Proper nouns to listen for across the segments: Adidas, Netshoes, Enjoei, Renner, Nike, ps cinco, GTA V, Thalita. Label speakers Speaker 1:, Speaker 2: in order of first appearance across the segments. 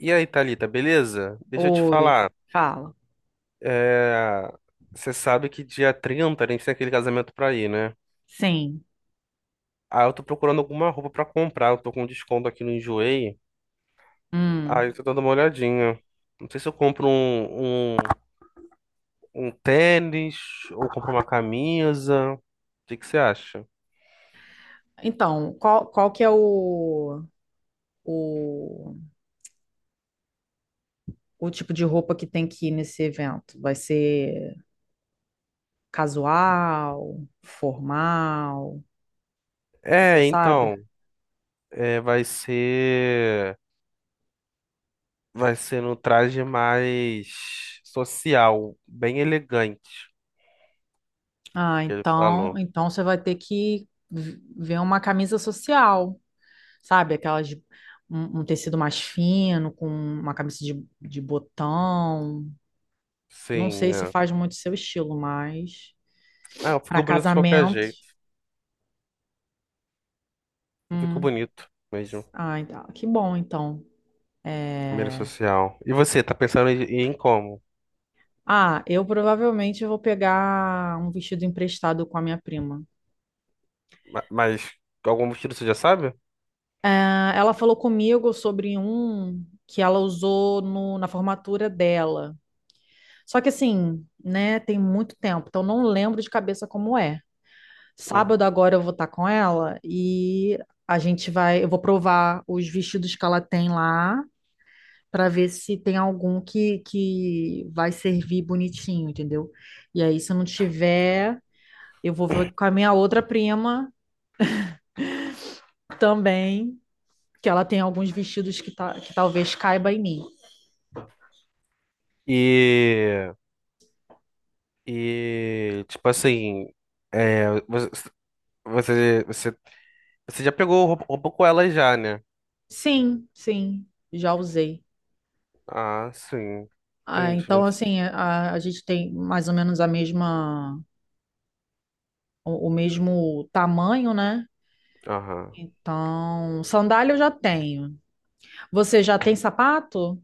Speaker 1: E aí, Thalita, beleza? Deixa eu te
Speaker 2: Oi,
Speaker 1: falar.
Speaker 2: fala.
Speaker 1: É... Você sabe que dia 30 a gente tem aquele casamento pra ir, né?
Speaker 2: Sim.
Speaker 1: Ah, eu tô procurando alguma roupa pra comprar. Eu tô com desconto aqui no Enjoei. Ah,
Speaker 2: Hum.
Speaker 1: eu tô dando uma olhadinha. Não sei se eu compro um tênis ou compro uma camisa. O que que você acha?
Speaker 2: Então, qual que é o, o tipo de roupa que tem que ir nesse evento? Vai ser casual, formal, você
Speaker 1: É,
Speaker 2: sabe?
Speaker 1: então. É, vai ser. Vai ser no traje mais social, bem elegante,
Speaker 2: Ah,
Speaker 1: que ele
Speaker 2: então,
Speaker 1: falou.
Speaker 2: então você vai ter que ver uma camisa social, sabe? Aquelas um tecido mais fino, com uma camisa de botão. Não sei
Speaker 1: Sim,
Speaker 2: se
Speaker 1: é.
Speaker 2: faz muito seu estilo, mas
Speaker 1: Ah,
Speaker 2: para
Speaker 1: ficou bonito de qualquer
Speaker 2: casamento.
Speaker 1: jeito. Ficou bonito mesmo.
Speaker 2: Ah, então, que bom, então.
Speaker 1: Primeira
Speaker 2: É,
Speaker 1: social. E você, tá pensando em como?
Speaker 2: ah, eu provavelmente vou pegar um vestido emprestado com a minha prima.
Speaker 1: Mas algum motivo você já sabe?
Speaker 2: É, ela falou comigo sobre um que ela usou na formatura dela. Só que assim, né, tem muito tempo, então não lembro de cabeça como é. Sábado
Speaker 1: Uhum.
Speaker 2: agora eu vou estar com ela e eu vou provar os vestidos que ela tem lá para ver se tem algum que vai servir bonitinho, entendeu? E aí, se não tiver, eu vou ver com a minha outra prima também, que ela tem alguns vestidos que talvez caiba em mim.
Speaker 1: E, e tipo assim, é, você, você você já pegou roupa com ela já, né?
Speaker 2: Sim, sim, já usei.
Speaker 1: Ah, sim.
Speaker 2: Ah, então,
Speaker 1: Entendi.
Speaker 2: assim, a gente tem mais ou menos o mesmo tamanho, né?
Speaker 1: Aham.
Speaker 2: Então, sandália eu já tenho. Você já tem sapato?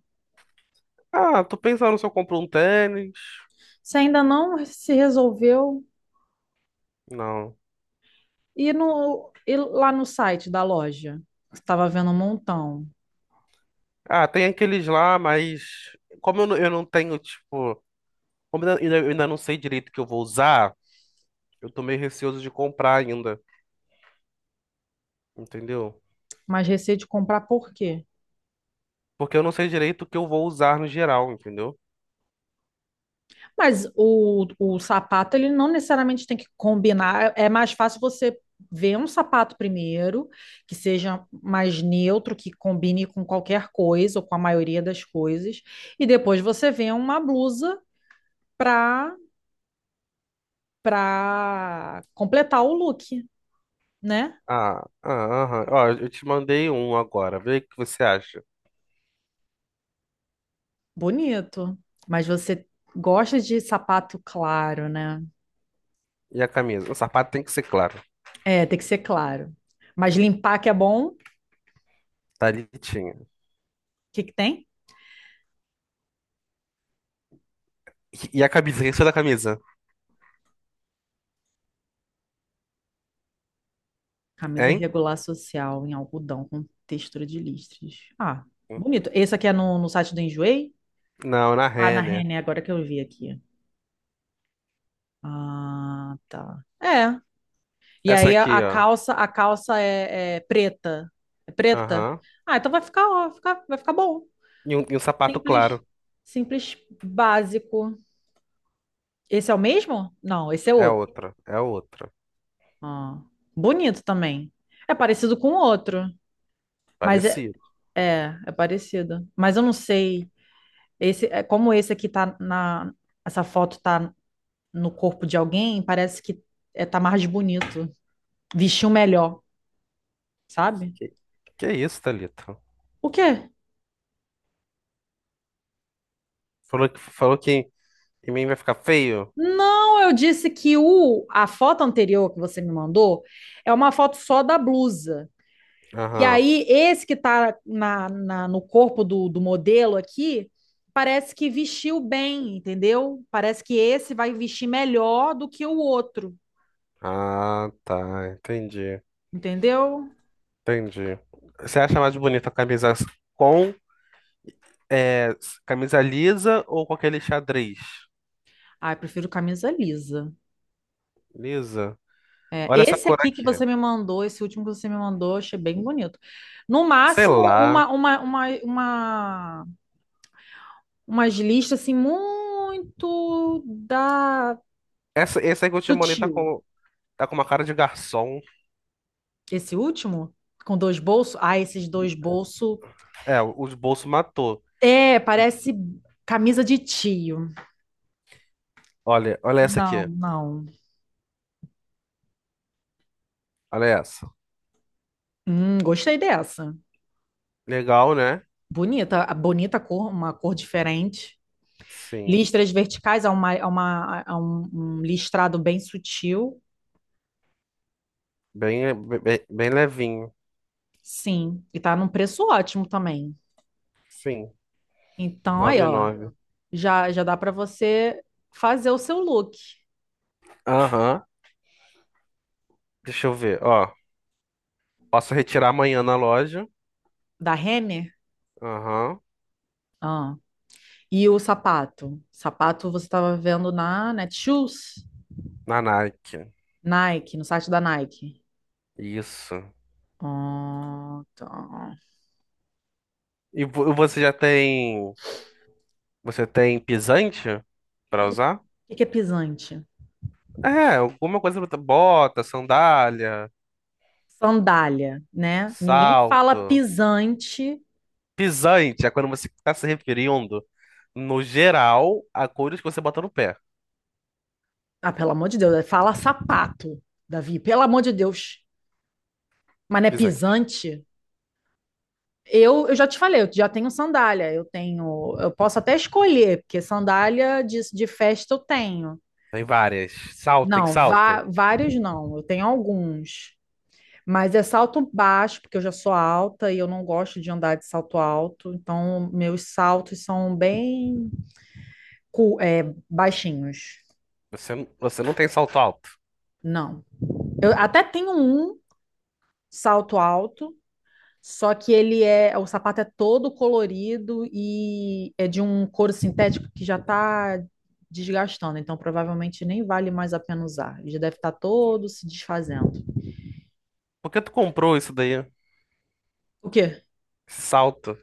Speaker 1: Ah, tô pensando se eu compro um tênis.
Speaker 2: Você ainda não se resolveu?
Speaker 1: Não.
Speaker 2: E lá no site da loja? Estava vendo um montão.
Speaker 1: Ah, tem aqueles lá, mas como eu não tenho, tipo, como eu ainda não sei direito o que eu vou usar. Eu tô meio receoso de comprar ainda, entendeu?
Speaker 2: Mas receio de comprar por quê?
Speaker 1: Porque eu não sei direito o que eu vou usar no geral, entendeu?
Speaker 2: Mas o sapato, ele não necessariamente tem que combinar. É mais fácil você ver um sapato primeiro, que seja mais neutro, que combine com qualquer coisa ou com a maioria das coisas. E depois você vê uma blusa para para completar o look, né?
Speaker 1: Ah, ah, aham. Ó, eu te mandei um agora. Vê o que você acha.
Speaker 2: Bonito. Mas você gosta de sapato claro, né?
Speaker 1: E a camisa? O sapato tem que ser claro.
Speaker 2: É, tem que ser claro. Mas limpar que é bom, o
Speaker 1: Tá litinha.
Speaker 2: que que tem?
Speaker 1: E a camisa? O que você da camisa?
Speaker 2: Camisa
Speaker 1: Hein?
Speaker 2: regular social em algodão com textura de listras. Ah, bonito. Esse aqui é no site do Enjoei?
Speaker 1: Não, na
Speaker 2: Ah, na
Speaker 1: Renner.
Speaker 2: René, agora que eu vi aqui. Ah, tá. É. E
Speaker 1: Essa
Speaker 2: aí a,
Speaker 1: aqui,
Speaker 2: a
Speaker 1: ó.
Speaker 2: calça, a calça é preta. É preta?
Speaker 1: Aham.
Speaker 2: Ah, então vai ficar, ó, vai ficar bom.
Speaker 1: E um sapato
Speaker 2: Simples,
Speaker 1: claro.
Speaker 2: simples, básico. Esse é o mesmo? Não, esse é
Speaker 1: É
Speaker 2: outro.
Speaker 1: outra. É outra.
Speaker 2: Ah, bonito também. É parecido com o outro. Mas é,
Speaker 1: Parecido.
Speaker 2: É, é parecido. Mas eu não sei. Como esse aqui tá na. Essa foto tá no corpo de alguém, parece que tá mais bonito. Vestiu melhor, sabe?
Speaker 1: Que, que isso, Thalita?
Speaker 2: O quê?
Speaker 1: Falou que em mim vai ficar feio?
Speaker 2: Não, eu disse que a foto anterior que você me mandou é uma foto só da blusa. E
Speaker 1: Aham.
Speaker 2: aí, esse que tá no corpo do modelo aqui, parece que vestiu bem, entendeu? Parece que esse vai vestir melhor do que o outro,
Speaker 1: Ah, tá. Entendi.
Speaker 2: entendeu?
Speaker 1: Entendi. Você acha mais bonita a camisa com é, camisa lisa ou com aquele xadrez?
Speaker 2: Ah, eu prefiro camisa lisa.
Speaker 1: Lisa.
Speaker 2: É,
Speaker 1: Olha essa
Speaker 2: esse
Speaker 1: cor
Speaker 2: aqui que
Speaker 1: aqui.
Speaker 2: você me mandou, esse último que você me mandou, eu achei bem bonito. No
Speaker 1: Sei
Speaker 2: máximo,
Speaker 1: lá.
Speaker 2: umas listas assim, muito da
Speaker 1: Essa, esse aí que eu te mandei
Speaker 2: sutil.
Speaker 1: tá com uma cara de garçom.
Speaker 2: Esse último, com dois bolsos. Ah, esses dois bolsos.
Speaker 1: É, os bolsos matou.
Speaker 2: É, parece camisa de tio.
Speaker 1: Olha, olha essa
Speaker 2: Não,
Speaker 1: aqui.
Speaker 2: não.
Speaker 1: Olha essa.
Speaker 2: Gostei dessa.
Speaker 1: Legal, né?
Speaker 2: Bonita, a bonita cor, uma cor diferente.
Speaker 1: Sim.
Speaker 2: Listras verticais um listrado bem sutil,
Speaker 1: Bem, bem levinho.
Speaker 2: sim. E tá num preço ótimo também.
Speaker 1: Sim.
Speaker 2: Então, aí,
Speaker 1: noventa e
Speaker 2: ó,
Speaker 1: nove.
Speaker 2: já dá para você fazer o seu look
Speaker 1: Aham. Deixa eu ver. Ó, posso retirar amanhã na loja.
Speaker 2: da Renner.
Speaker 1: Aham.
Speaker 2: Ah. E o sapato? Sapato você estava vendo na Netshoes?
Speaker 1: Na Nike.
Speaker 2: Nike, no site da Nike.
Speaker 1: Isso.
Speaker 2: Ah, tá.
Speaker 1: Você já tem. Você tem pisante
Speaker 2: O que
Speaker 1: pra
Speaker 2: que- é o
Speaker 1: usar?
Speaker 2: que que é pisante?
Speaker 1: É, alguma coisa. Bota, sandália,
Speaker 2: Sandália, né? Ninguém fala
Speaker 1: salto.
Speaker 2: pisante.
Speaker 1: Pisante é quando você está se referindo, no geral, a coisas que você bota no pé.
Speaker 2: Ah, pelo amor de Deus, é fala sapato, Davi, pelo amor de Deus. Mas não é
Speaker 1: Pisante.
Speaker 2: pisante? Eu já te falei, eu já tenho sandália, eu posso até escolher, porque sandália de festa eu tenho.
Speaker 1: Tem várias. Salto, tem
Speaker 2: Não,
Speaker 1: salto.
Speaker 2: vários não, eu tenho alguns. Mas é salto baixo, porque eu já sou alta e eu não gosto de andar de salto alto, então meus saltos são bem cu- é, baixinhos.
Speaker 1: Você não tem salto alto.
Speaker 2: Não. Eu até tenho um salto alto. Só que o sapato é todo colorido e é de um couro sintético que já está desgastando, então provavelmente nem vale mais a pena usar. Ele já deve estar todo se desfazendo.
Speaker 1: Por que tu comprou isso daí?
Speaker 2: O quê?
Speaker 1: Esse salto.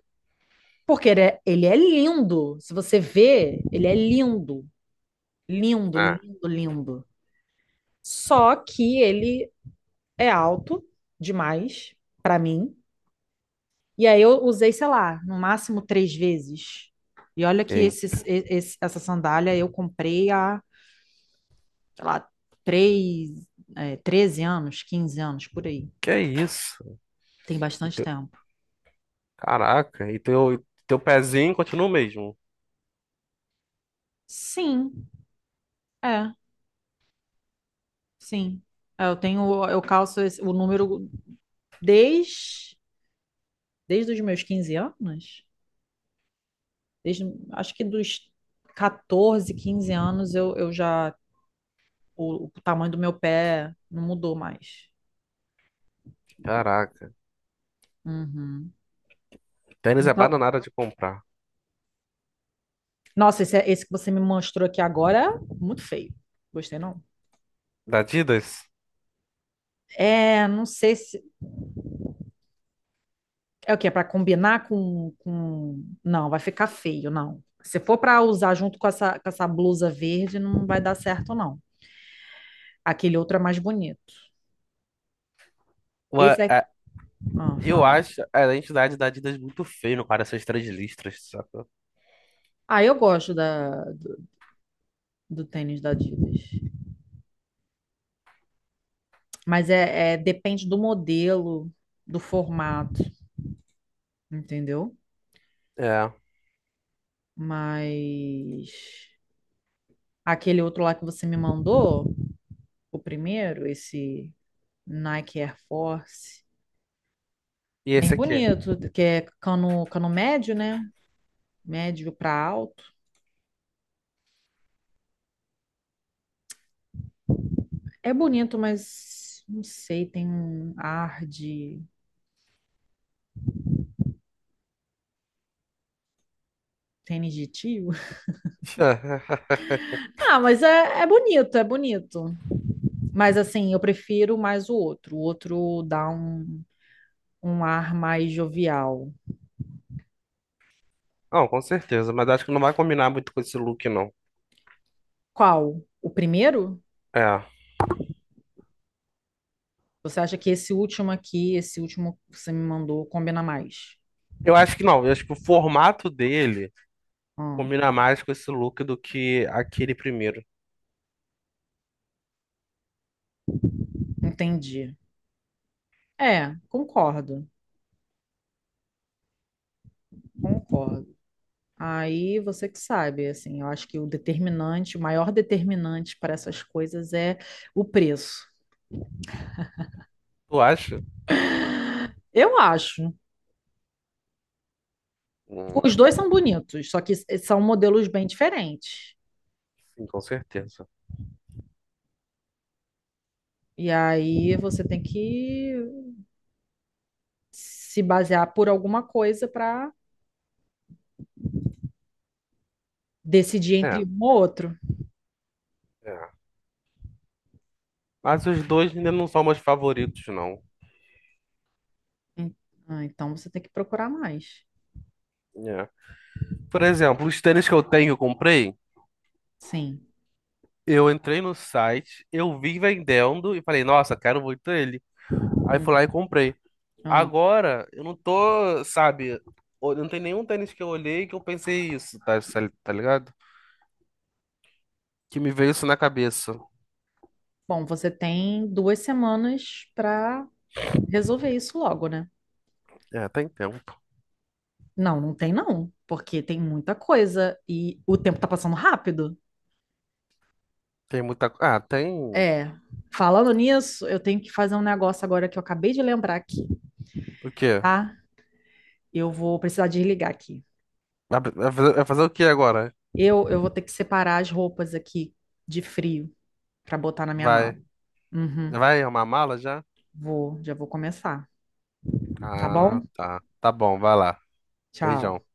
Speaker 2: Porque ele é lindo. Se você vê, ele é lindo. Lindo,
Speaker 1: Ah,
Speaker 2: lindo, lindo. Só que ele é alto demais para mim. E aí eu usei, sei lá, no máximo 3 vezes. E olha que
Speaker 1: ei.
Speaker 2: essa sandália eu comprei há sei lá, 3, 13 anos, 15 anos, por aí.
Speaker 1: Que isso?
Speaker 2: Tem
Speaker 1: E
Speaker 2: bastante
Speaker 1: teu-
Speaker 2: tempo.
Speaker 1: Caraca, e teu pezinho continua o mesmo.
Speaker 2: Sim, é, sim. É, eu calço o número desde, desde os meus 15 anos. Desde, acho que dos 14, 15 anos, o tamanho do meu pé não mudou mais.
Speaker 1: Caraca.
Speaker 2: Uhum.
Speaker 1: Tênis é
Speaker 2: Então,
Speaker 1: bananada de comprar.
Speaker 2: nossa, esse que você me mostrou aqui agora é muito feio. Gostei, não?
Speaker 1: Da Adidas?
Speaker 2: É, não sei se. É o quê? É para combinar com. Não, vai ficar feio, não. Se for para usar junto com essa, blusa verde, não vai dar certo, não. Aquele outro é mais bonito. Esse é.
Speaker 1: É,
Speaker 2: Ah,
Speaker 1: eu
Speaker 2: fala.
Speaker 1: acho a entidade da Adidas muito feio no cara, essas três listras, saca?
Speaker 2: Ah, eu gosto do tênis da Adidas. Mas depende do modelo, do formato, entendeu?
Speaker 1: É.
Speaker 2: Mas aquele outro lá que você me mandou, o primeiro, esse Nike Air Force,
Speaker 1: E
Speaker 2: bem
Speaker 1: esse aqui?
Speaker 2: bonito, que é cano médio, né? Médio para alto. É bonito, mas não sei, tem um ar de tênis de tio. Ah, mas é bonito, é bonito. Mas assim, eu prefiro mais o outro. O outro dá um ar mais jovial.
Speaker 1: Não, com certeza, mas acho que não vai combinar muito com esse look, não.
Speaker 2: Qual? O primeiro?
Speaker 1: É.
Speaker 2: Você acha que esse último aqui, esse último que você me mandou, combina mais?
Speaker 1: Eu acho que não, eu acho que o formato dele
Speaker 2: Ah,
Speaker 1: combina mais com esse look do que aquele primeiro.
Speaker 2: entendi. É, concordo, concordo. Aí você que sabe, assim, eu acho que o maior determinante para essas coisas é o preço.
Speaker 1: Tu acha?
Speaker 2: Eu acho. Os dois
Speaker 1: Hum,
Speaker 2: são bonitos, só que são modelos bem diferentes.
Speaker 1: sim, com certeza.
Speaker 2: E aí você tem que se basear por alguma coisa para decidir
Speaker 1: É,
Speaker 2: entre um ou outro.
Speaker 1: é. Mas os dois ainda não são meus favoritos, não.
Speaker 2: En- Então você tem que procurar mais.
Speaker 1: É. Por exemplo, os tênis que eu tenho, eu comprei.
Speaker 2: Sim.
Speaker 1: Eu entrei no site, eu vi vendendo e falei, nossa, quero muito ele. Aí fui lá
Speaker 2: Hum.
Speaker 1: e comprei.
Speaker 2: Ah.
Speaker 1: Agora, eu não tô, sabe, não tem nenhum tênis que eu olhei que eu pensei isso, tá, tá ligado? Que me veio isso na cabeça.
Speaker 2: Bom, você tem 2 semanas para resolver isso logo, né?
Speaker 1: É, tem tempo.
Speaker 2: Não, não tem não, porque tem muita coisa e o tempo tá passando rápido.
Speaker 1: Tem muita. Ah, tem.
Speaker 2: É. Falando nisso, eu tenho que fazer um negócio agora que eu acabei de lembrar aqui,
Speaker 1: O quê?
Speaker 2: tá? Eu vou precisar desligar aqui.
Speaker 1: Vai fazer o quê agora?
Speaker 2: Eu vou ter que separar as roupas aqui de frio pra botar na minha mala.
Speaker 1: Vai.
Speaker 2: Uhum.
Speaker 1: Vai arrumar a mala já?
Speaker 2: Vou, já vou começar, tá
Speaker 1: Ah,
Speaker 2: bom?
Speaker 1: tá. Tá bom, vai lá.
Speaker 2: Tchau.
Speaker 1: Beijão.